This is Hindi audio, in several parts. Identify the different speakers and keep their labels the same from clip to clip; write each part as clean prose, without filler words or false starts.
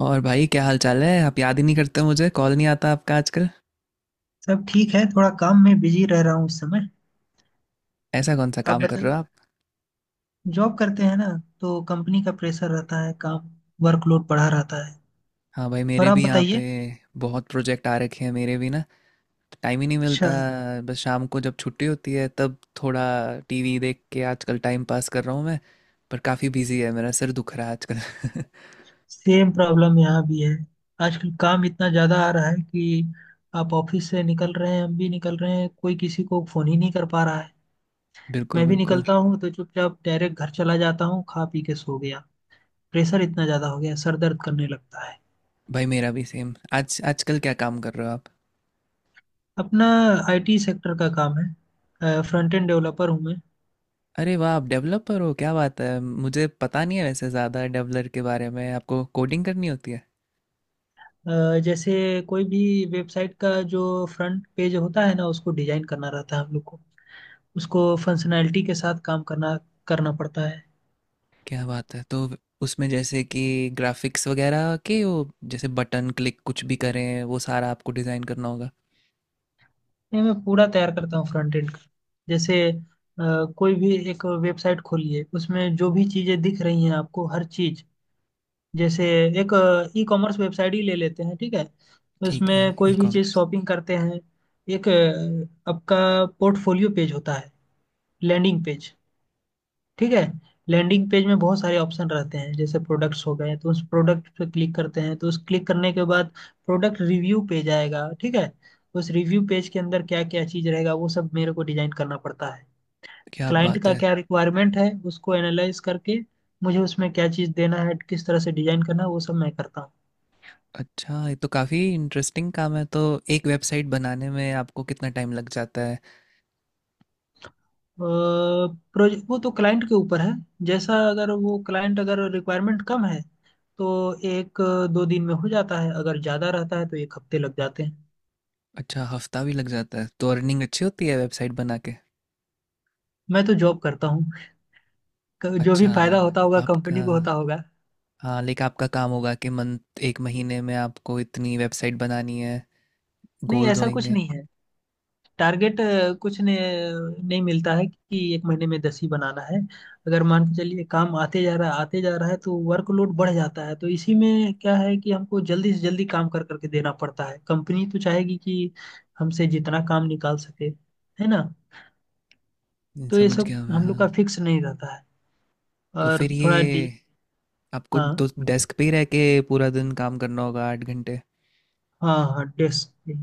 Speaker 1: और भाई क्या हाल चाल है। आप याद ही नहीं करते, मुझे कॉल नहीं आता आपका आजकल।
Speaker 2: सब ठीक है, थोड़ा काम में बिजी रह रहा हूँ इस समय।
Speaker 1: ऐसा कौन सा
Speaker 2: आप
Speaker 1: काम कर
Speaker 2: बताइए।
Speaker 1: रहे हो आप?
Speaker 2: जॉब करते हैं ना, तो कंपनी का प्रेशर रहता है, काम वर्कलोड बढ़ा रहता है।
Speaker 1: हाँ भाई,
Speaker 2: और
Speaker 1: मेरे
Speaker 2: आप
Speaker 1: भी यहाँ पे
Speaker 2: बताइए।
Speaker 1: बहुत प्रोजेक्ट आ रखे हैं मेरे भी ना। टाइम ही नहीं
Speaker 2: अच्छा।
Speaker 1: मिलता। बस शाम को जब छुट्टी होती है तब थोड़ा टीवी देख के आजकल टाइम पास कर रहा हूँ मैं। पर काफ़ी बिजी है, मेरा सिर दुख रहा है आजकल।
Speaker 2: सेम प्रॉब्लम यहाँ भी है, आजकल काम इतना ज़्यादा आ रहा है कि आप ऑफिस से निकल रहे हैं, हम भी निकल रहे हैं, कोई किसी को फ़ोन ही नहीं कर पा रहा है।
Speaker 1: बिल्कुल
Speaker 2: मैं भी
Speaker 1: बिल्कुल।
Speaker 2: निकलता हूँ तो चुपचाप डायरेक्ट घर चला जाता हूँ, खा पी के सो गया। प्रेशर इतना ज़्यादा हो गया, सर दर्द करने लगता है।
Speaker 1: भाई मेरा भी सेम। आज आजकल क्या काम कर रहे हो आप?
Speaker 2: अपना आईटी सेक्टर का काम है, फ्रंट एंड डेवलपर हूँ मैं।
Speaker 1: अरे वाह, आप डेवलपर हो? क्या बात है। मुझे पता नहीं है वैसे ज़्यादा डेवलपर के बारे में। आपको कोडिंग करनी होती है?
Speaker 2: जैसे कोई भी वेबसाइट का जो फ्रंट पेज होता है ना, उसको डिजाइन करना रहता है हम लोग को। उसको फंक्शनैलिटी के साथ काम करना करना पड़ता है।
Speaker 1: क्या बात है। तो उसमें जैसे कि ग्राफिक्स वगैरह के वो, जैसे बटन क्लिक कुछ भी करें, वो सारा आपको डिज़ाइन करना होगा।
Speaker 2: ये मैं पूरा तैयार करता हूँ फ्रंट एंड का। जैसे कोई भी एक वेबसाइट खोलिए, उसमें जो भी चीज़ें दिख रही हैं आपको, हर चीज़। जैसे एक ई कॉमर्स वेबसाइट ही ले लेते हैं, ठीक है।
Speaker 1: ठीक है।
Speaker 2: उसमें कोई
Speaker 1: ई
Speaker 2: भी चीज़
Speaker 1: कॉमर्स।
Speaker 2: शॉपिंग करते हैं। एक आपका पोर्टफोलियो पेज होता है, लैंडिंग पेज, ठीक है। लैंडिंग पेज में बहुत सारे ऑप्शन रहते हैं, जैसे प्रोडक्ट्स हो गए, तो उस प्रोडक्ट पे क्लिक करते हैं, तो उस क्लिक करने के बाद प्रोडक्ट रिव्यू पेज आएगा, ठीक है। उस रिव्यू पेज के अंदर क्या क्या चीज़ रहेगा, वो सब मेरे को डिजाइन करना पड़ता है।
Speaker 1: क्या
Speaker 2: क्लाइंट
Speaker 1: बात
Speaker 2: का
Speaker 1: है।
Speaker 2: क्या रिक्वायरमेंट है, उसको एनालाइज करके मुझे उसमें क्या चीज़ देना है, किस तरह से डिजाइन करना है, वो सब मैं करता हूँ।
Speaker 1: अच्छा, ये तो काफ़ी इंटरेस्टिंग काम है। तो एक वेबसाइट बनाने में आपको कितना टाइम लग जाता है?
Speaker 2: प्रोजेक्ट वो तो क्लाइंट के ऊपर है। जैसा, अगर वो क्लाइंट अगर रिक्वायरमेंट कम है तो एक दो दिन में हो जाता है, अगर ज़्यादा रहता है तो एक हफ्ते लग जाते हैं।
Speaker 1: अच्छा, हफ्ता भी लग जाता है। तो अर्निंग अच्छी होती है वेबसाइट बना के?
Speaker 2: मैं तो जॉब करता हूँ। जो भी
Speaker 1: अच्छा,
Speaker 2: फायदा होता होगा कंपनी
Speaker 1: आपका,
Speaker 2: को होता होगा।
Speaker 1: हाँ लेकिन आपका काम होगा कि मंथ, एक महीने में आपको इतनी वेबसाइट बनानी है,
Speaker 2: नहीं,
Speaker 1: गोल्स
Speaker 2: ऐसा कुछ
Speaker 1: होंगे।
Speaker 2: नहीं है। टारगेट अ, कुछ ने, नहीं मिलता है कि एक महीने में दस ही बनाना है। अगर मान के चलिए काम आते जा रहा है आते जा रहा है, तो वर्कलोड बढ़ जाता है, तो इसी में क्या है कि हमको जल्दी से जल्दी काम कर करके देना पड़ता है। कंपनी तो चाहेगी कि हमसे जितना काम निकाल सके, है ना।
Speaker 1: नहीं,
Speaker 2: तो ये
Speaker 1: समझ
Speaker 2: सब
Speaker 1: गया मैं,
Speaker 2: हम लोग का
Speaker 1: हाँ।
Speaker 2: फिक्स नहीं रहता है।
Speaker 1: तो
Speaker 2: और
Speaker 1: फिर
Speaker 2: थोड़ा डि
Speaker 1: ये आपको तो
Speaker 2: हाँ।
Speaker 1: डेस्क पे ही रह के पूरा दिन काम करना होगा, 8 घंटे।
Speaker 2: हाँ डेस्क।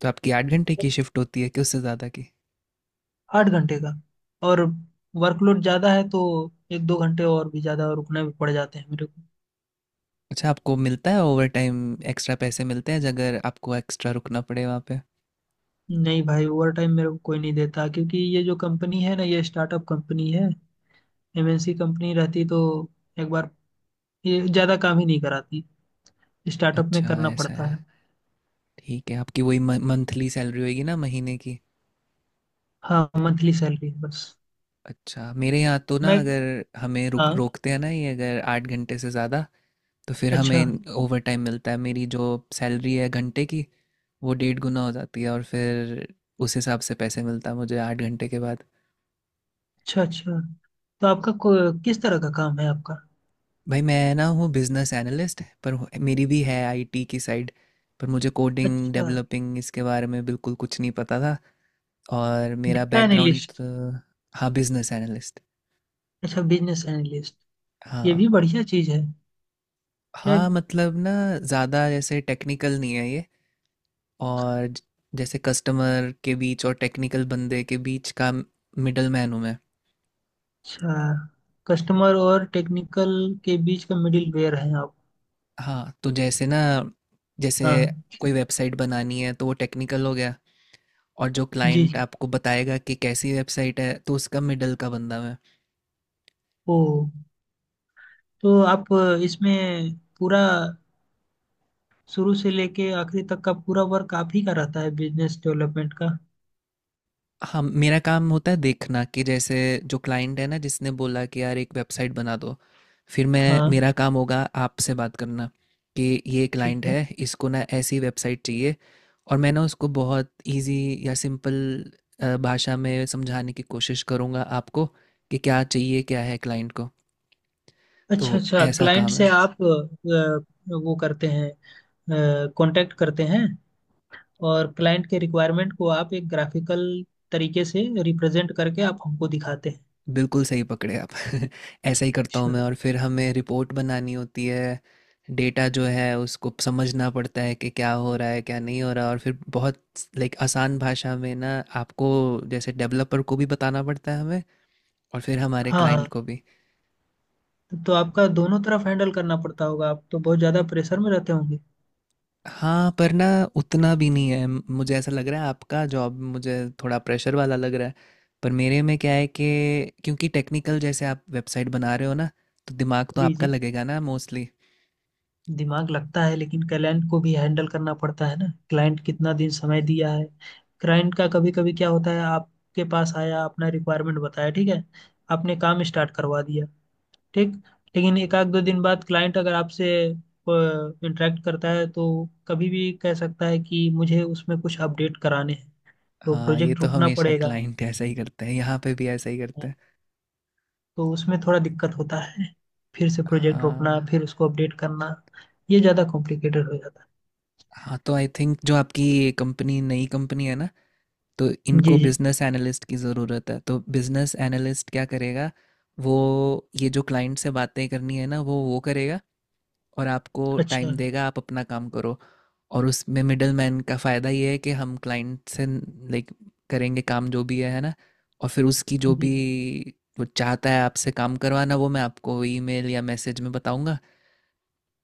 Speaker 1: तो आपकी 8 घंटे की शिफ्ट होती है कि उससे ज़्यादा की?
Speaker 2: आठ घंटे का, और वर्कलोड ज़्यादा है तो एक दो घंटे और भी ज़्यादा रुकना भी पड़ जाते हैं मेरे को।
Speaker 1: अच्छा, आपको मिलता है ओवर टाइम, एक्स्ट्रा पैसे मिलते हैं अगर आपको एक्स्ट्रा रुकना पड़े वहाँ पे?
Speaker 2: नहीं भाई, ओवर टाइम मेरे को कोई नहीं देता, क्योंकि ये जो कंपनी है ना, ये स्टार्टअप कंपनी है। एमएनसी कंपनी रहती तो एक बार ये ज़्यादा काम ही नहीं कराती, स्टार्टअप में
Speaker 1: अच्छा
Speaker 2: करना
Speaker 1: ऐसा
Speaker 2: पड़ता है।
Speaker 1: है। ठीक है। आपकी वही मंथली सैलरी होगी ना, महीने की?
Speaker 2: हाँ, मंथली सैलरी है बस।
Speaker 1: अच्छा, मेरे यहाँ तो ना
Speaker 2: मैं
Speaker 1: अगर हमें रुक
Speaker 2: हाँ।
Speaker 1: रोकते हैं ना ये, अगर 8 घंटे से ज़्यादा, तो फिर
Speaker 2: अच्छा
Speaker 1: हमें ओवर टाइम मिलता है। मेरी जो सैलरी है घंटे की, वो 1.5 गुना हो जाती है, और फिर उस हिसाब से पैसे मिलता है मुझे 8 घंटे के बाद।
Speaker 2: अच्छा अच्छा, तो आपका किस तरह का काम है आपका।
Speaker 1: भाई मैं ना हूँ बिजनेस एनालिस्ट। मेरी भी है आईटी की साइड, पर मुझे कोडिंग
Speaker 2: अच्छा,
Speaker 1: डेवलपिंग इसके बारे में बिल्कुल कुछ नहीं पता था। और मेरा
Speaker 2: डेटा
Speaker 1: बैकग्राउंड,
Speaker 2: एनालिस्ट।
Speaker 1: हाँ बिजनेस एनालिस्ट।
Speaker 2: अच्छा, बिजनेस एनालिस्ट। ये भी
Speaker 1: हाँ औ-
Speaker 2: बढ़िया चीज है। क्या।
Speaker 1: हाँ मतलब ना, ज़्यादा जैसे टेक्निकल नहीं है ये। और जैसे कस्टमर के बीच और टेक्निकल बंदे के बीच का मिडल मैन हूँ मैं।
Speaker 2: अच्छा, कस्टमर और टेक्निकल के बीच का मिडिल वेयर है आप।
Speaker 1: हाँ, तो जैसे ना, जैसे
Speaker 2: हाँ।
Speaker 1: कोई वेबसाइट बनानी है तो वो टेक्निकल हो गया। और जो
Speaker 2: जी
Speaker 1: क्लाइंट
Speaker 2: जी।
Speaker 1: आपको बताएगा कि कैसी वेबसाइट है, तो उसका मिडल का बंदा मैं।
Speaker 2: ओ, तो आप इसमें पूरा शुरू से लेके आखिरी तक का पूरा वर्क आप ही का रहता है बिजनेस डेवलपमेंट का।
Speaker 1: हम, मेरा काम होता है देखना कि जैसे जो क्लाइंट है ना, जिसने बोला कि यार एक वेबसाइट बना दो, फिर मैं,
Speaker 2: हाँ।
Speaker 1: मेरा काम होगा आपसे बात करना कि ये
Speaker 2: ठीक
Speaker 1: क्लाइंट
Speaker 2: है।
Speaker 1: है, इसको ना ऐसी वेबसाइट चाहिए। और मैं ना उसको बहुत इजी या सिंपल भाषा में समझाने की कोशिश करूँगा आपको कि क्या चाहिए, क्या है क्लाइंट को। तो
Speaker 2: अच्छा अच्छा,
Speaker 1: ऐसा
Speaker 2: क्लाइंट
Speaker 1: काम
Speaker 2: से
Speaker 1: है।
Speaker 2: आप वो करते हैं, कांटेक्ट करते हैं, और क्लाइंट के रिक्वायरमेंट को आप एक ग्राफिकल तरीके से रिप्रेजेंट करके आप हमको दिखाते हैं।
Speaker 1: बिल्कुल सही पकड़े आप। ऐसा ही करता हूँ मैं,
Speaker 2: अच्छा।
Speaker 1: और फिर हमें रिपोर्ट बनानी होती है। डेटा जो है उसको समझना पड़ता है कि क्या हो रहा है क्या नहीं हो रहा। और फिर बहुत लाइक आसान भाषा में ना आपको, जैसे डेवलपर को भी बताना पड़ता है हमें, और फिर हमारे
Speaker 2: हाँ
Speaker 1: क्लाइंट
Speaker 2: हाँ,
Speaker 1: को भी।
Speaker 2: तो आपका दोनों तरफ हैंडल करना पड़ता होगा, आप तो बहुत ज्यादा प्रेशर में रहते होंगे।
Speaker 1: हाँ पर ना, उतना भी नहीं है। मुझे ऐसा लग रहा है आपका जॉब मुझे थोड़ा प्रेशर वाला लग रहा है। पर मेरे में क्या है कि क्योंकि टेक्निकल जैसे आप वेबसाइट बना रहे हो ना, तो दिमाग तो
Speaker 2: जी
Speaker 1: आपका
Speaker 2: जी,
Speaker 1: लगेगा ना मोस्टली।
Speaker 2: दिमाग लगता है, लेकिन क्लाइंट को भी हैंडल करना पड़ता है ना। क्लाइंट कितना दिन समय दिया है। क्लाइंट का कभी कभी क्या होता है, आपके पास आया, अपना रिक्वायरमेंट बताया, ठीक है। आपने काम स्टार्ट करवा दिया, ठीक। लेकिन एक आध दो दिन बाद क्लाइंट अगर आपसे इंटरेक्ट करता है, तो कभी भी कह सकता है कि मुझे उसमें कुछ अपडेट कराने हैं। तो
Speaker 1: हाँ, ये
Speaker 2: प्रोजेक्ट
Speaker 1: तो
Speaker 2: रुकना
Speaker 1: हमेशा
Speaker 2: पड़ेगा,
Speaker 1: क्लाइंट ऐसा ही करते हैं, यहाँ पे भी ऐसा ही करते हैं।
Speaker 2: तो उसमें थोड़ा दिक्कत होता है, फिर से प्रोजेक्ट रोकना,
Speaker 1: हाँ
Speaker 2: फिर उसको अपडेट करना, ये ज़्यादा कॉम्प्लिकेटेड हो जाता
Speaker 1: हाँ, तो आई थिंक जो आपकी कंपनी नई कंपनी है ना, तो
Speaker 2: है। जी
Speaker 1: इनको
Speaker 2: जी।
Speaker 1: बिजनेस एनालिस्ट की ज़रूरत है। तो बिजनेस एनालिस्ट क्या करेगा, वो, ये जो क्लाइंट से बातें करनी है ना, वो करेगा। और आपको
Speaker 2: अच्छा।
Speaker 1: टाइम देगा, आप अपना काम करो। और उसमें मिडल मैन का फ़ायदा ये है कि हम क्लाइंट से लाइक करेंगे काम, जो भी है ना। और फिर उसकी जो
Speaker 2: जी
Speaker 1: भी,
Speaker 2: जी।
Speaker 1: वो चाहता है आपसे काम करवाना, वो मैं आपको ईमेल या मैसेज में बताऊंगा।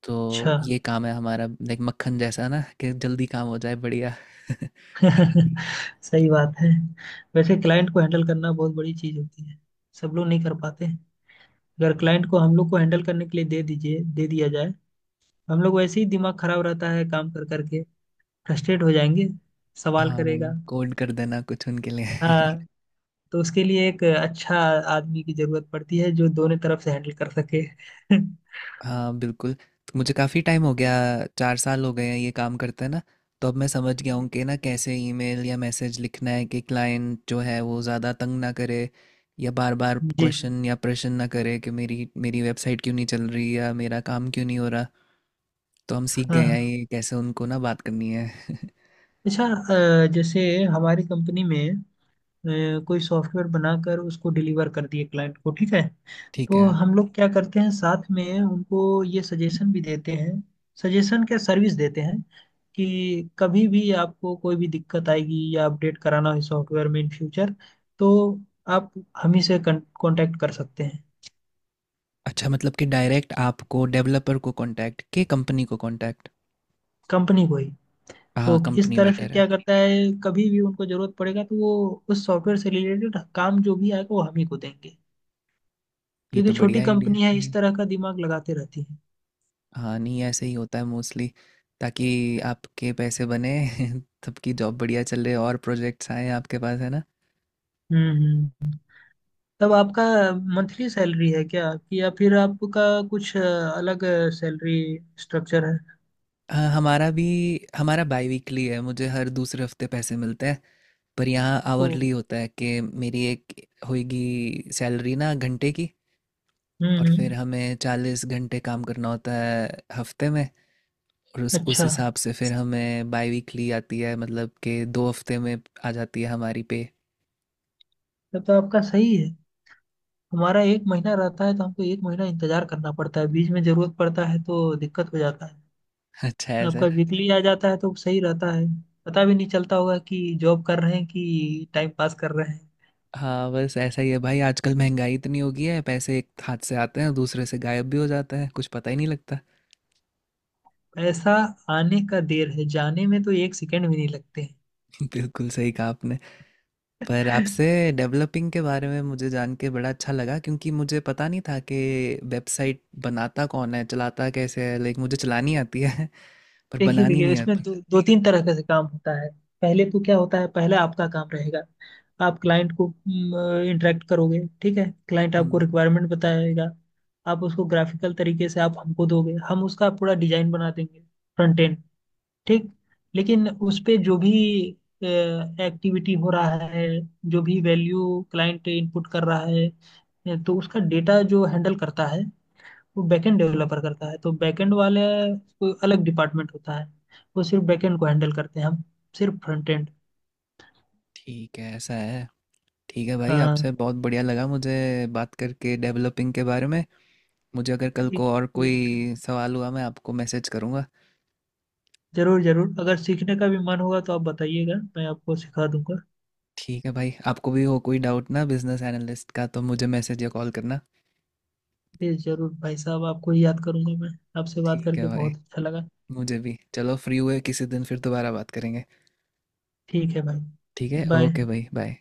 Speaker 1: तो
Speaker 2: अच्छा।
Speaker 1: ये काम है हमारा, लाइक मक्खन जैसा ना, कि जल्दी काम हो जाए बढ़िया।
Speaker 2: सही बात है। वैसे क्लाइंट को हैंडल करना बहुत बड़ी चीज़ होती है, सब लोग नहीं कर पाते। अगर क्लाइंट को हम लोग को हैंडल करने के लिए दे दीजिए, दे दिया जाए, हम लोग वैसे ही दिमाग खराब रहता है काम कर करके, फ्रस्ट्रेट हो जाएंगे, सवाल
Speaker 1: हाँ,
Speaker 2: करेगा।
Speaker 1: कोड कर देना कुछ उनके लिए।
Speaker 2: हाँ, तो उसके लिए एक अच्छा आदमी की जरूरत पड़ती है, जो दोनों तरफ से हैंडल कर सके।
Speaker 1: हाँ बिल्कुल। तो मुझे काफ़ी टाइम हो गया, 4 साल हो गए हैं ये काम करते हैं ना। तो अब मैं समझ गया हूँ कि ना कैसे ईमेल या मैसेज लिखना है कि क्लाइंट जो है वो ज़्यादा तंग ना करे, या बार बार
Speaker 2: जी जी।
Speaker 1: क्वेश्चन या प्रश्न ना करे कि मेरी मेरी वेबसाइट क्यों नहीं चल रही, या मेरा काम क्यों नहीं हो रहा। तो हम सीख
Speaker 2: हाँ
Speaker 1: गए हैं
Speaker 2: हाँ।
Speaker 1: ये कैसे उनको ना बात करनी है।
Speaker 2: अच्छा, जैसे हमारी कंपनी में कोई सॉफ्टवेयर बनाकर उसको डिलीवर कर दिए क्लाइंट को, ठीक है।
Speaker 1: ठीक
Speaker 2: तो
Speaker 1: है।
Speaker 2: हम लोग क्या करते हैं, साथ में उनको ये सजेशन भी देते हैं, सजेशन क्या, सर्विस देते हैं कि कभी भी आपको कोई भी दिक्कत आएगी या अपडेट कराना हो सॉफ्टवेयर में इन फ्यूचर, तो आप हम ही से कांटेक्ट कर सकते हैं।
Speaker 1: अच्छा, मतलब कि डायरेक्ट आपको डेवलपर को कांटेक्ट के, कंपनी को कांटेक्ट।
Speaker 2: कंपनी को ही। तो
Speaker 1: हाँ
Speaker 2: इस
Speaker 1: कंपनी
Speaker 2: तरह से
Speaker 1: बेटर है।
Speaker 2: क्या करता है, कभी भी उनको जरूरत पड़ेगा तो वो उस सॉफ्टवेयर से रिलेटेड काम जो भी आएगा वो हम ही को देंगे।
Speaker 1: ये तो
Speaker 2: क्योंकि छोटी
Speaker 1: बढ़िया आइडिया
Speaker 2: कंपनी है, इस
Speaker 1: है।
Speaker 2: तरह का दिमाग लगाते रहती है।
Speaker 1: हाँ नहीं, ऐसे ही होता है मोस्टली, ताकि आपके पैसे बने। सबकी जॉब बढ़िया चल रही है और प्रोजेक्ट्स आए आपके पास, है ना।
Speaker 2: हम्म हम्म। तब आपका मंथली सैलरी है क्या, कि या फिर आपका कुछ अलग सैलरी स्ट्रक्चर है।
Speaker 1: हाँ हमारा भी, हमारा बाई वीकली है, मुझे हर दूसरे हफ्ते पैसे मिलते हैं। पर यहाँ
Speaker 2: ओ।
Speaker 1: आवरली होता है कि मेरी एक होगी सैलरी ना घंटे की, और फिर
Speaker 2: हम्म।
Speaker 1: हमें 40 घंटे काम करना होता है हफ्ते में। और उस
Speaker 2: अच्छा,
Speaker 1: हिसाब से फिर हमें बाई वीकली आती है, मतलब कि 2 हफ्ते में आ जाती है हमारी पे।
Speaker 2: तब तो आपका सही है। हमारा एक महीना रहता है तो हमको एक महीना इंतजार करना पड़ता है, बीच में जरूरत पड़ता है तो दिक्कत हो जाता है।
Speaker 1: अच्छा ऐसा
Speaker 2: आपका
Speaker 1: है।
Speaker 2: वीकली आ जाता है तो सही रहता है, पता भी नहीं चलता होगा कि जॉब कर रहे हैं कि टाइम पास कर रहे हैं।
Speaker 1: हाँ, बस ऐसा ही है भाई। आजकल महंगाई इतनी हो गई है, पैसे एक हाथ से आते हैं दूसरे से गायब भी हो जाते हैं, कुछ पता ही नहीं लगता।
Speaker 2: पैसा आने का देर है, जाने में तो एक सेकंड भी नहीं लगते
Speaker 1: बिल्कुल सही कहा आपने। पर
Speaker 2: हैं।
Speaker 1: आपसे डेवलपिंग के बारे में मुझे जान के बड़ा अच्छा लगा, क्योंकि मुझे पता नहीं था कि वेबसाइट बनाता कौन है, चलाता कैसे है। लाइक, मुझे चलानी आती है पर
Speaker 2: देखिए
Speaker 1: बनानी
Speaker 2: देखिए
Speaker 1: नहीं
Speaker 2: इसमें
Speaker 1: आती।
Speaker 2: दो तीन तरह का से काम होता है। पहले तो क्या होता है, पहले आपका काम रहेगा, आप क्लाइंट को इंटरेक्ट करोगे, ठीक है, क्लाइंट आपको
Speaker 1: हम्म।
Speaker 2: रिक्वायरमेंट बताएगा, आप उसको ग्राफिकल तरीके से आप हमको दोगे, हम उसका पूरा डिजाइन बना देंगे, फ्रंट एंड, ठीक। लेकिन उस पे जो भी एक्टिविटी हो रहा है, जो भी वैल्यू क्लाइंट इनपुट कर रहा है तो उसका डेटा जो हैंडल करता है, वो बैकएंड डेवलपर करता है। तो बैकएंड वाले कोई अलग डिपार्टमेंट होता है, वो सिर्फ बैकएंड को हैंडल करते हैं, हम सिर्फ फ्रंट एंड।
Speaker 1: ठीक है, ऐसा है। ठीक है भाई, आपसे
Speaker 2: हाँ।
Speaker 1: बहुत बढ़िया लगा मुझे बात करके डेवलपिंग के बारे में। मुझे अगर कल
Speaker 2: ठीक।
Speaker 1: को और
Speaker 2: कोई दिक्कत
Speaker 1: कोई
Speaker 2: नहीं।
Speaker 1: सवाल हुआ, मैं आपको मैसेज करूँगा।
Speaker 2: जरूर जरूर अगर सीखने का भी मन होगा तो आप बताइएगा, मैं आपको सिखा दूंगा।
Speaker 1: ठीक है भाई, आपको भी हो कोई डाउट ना बिजनेस एनालिस्ट का, तो मुझे मैसेज या कॉल करना।
Speaker 2: जी जरूर भाई साहब, आपको ही याद करूंगा मैं। आपसे बात
Speaker 1: ठीक है
Speaker 2: करके
Speaker 1: भाई,
Speaker 2: बहुत अच्छा लगा।
Speaker 1: मुझे भी चलो, फ्री हुए किसी दिन फिर दोबारा बात करेंगे।
Speaker 2: ठीक है भाई,
Speaker 1: ठीक है,
Speaker 2: बाय।
Speaker 1: ओके भाई, बाय।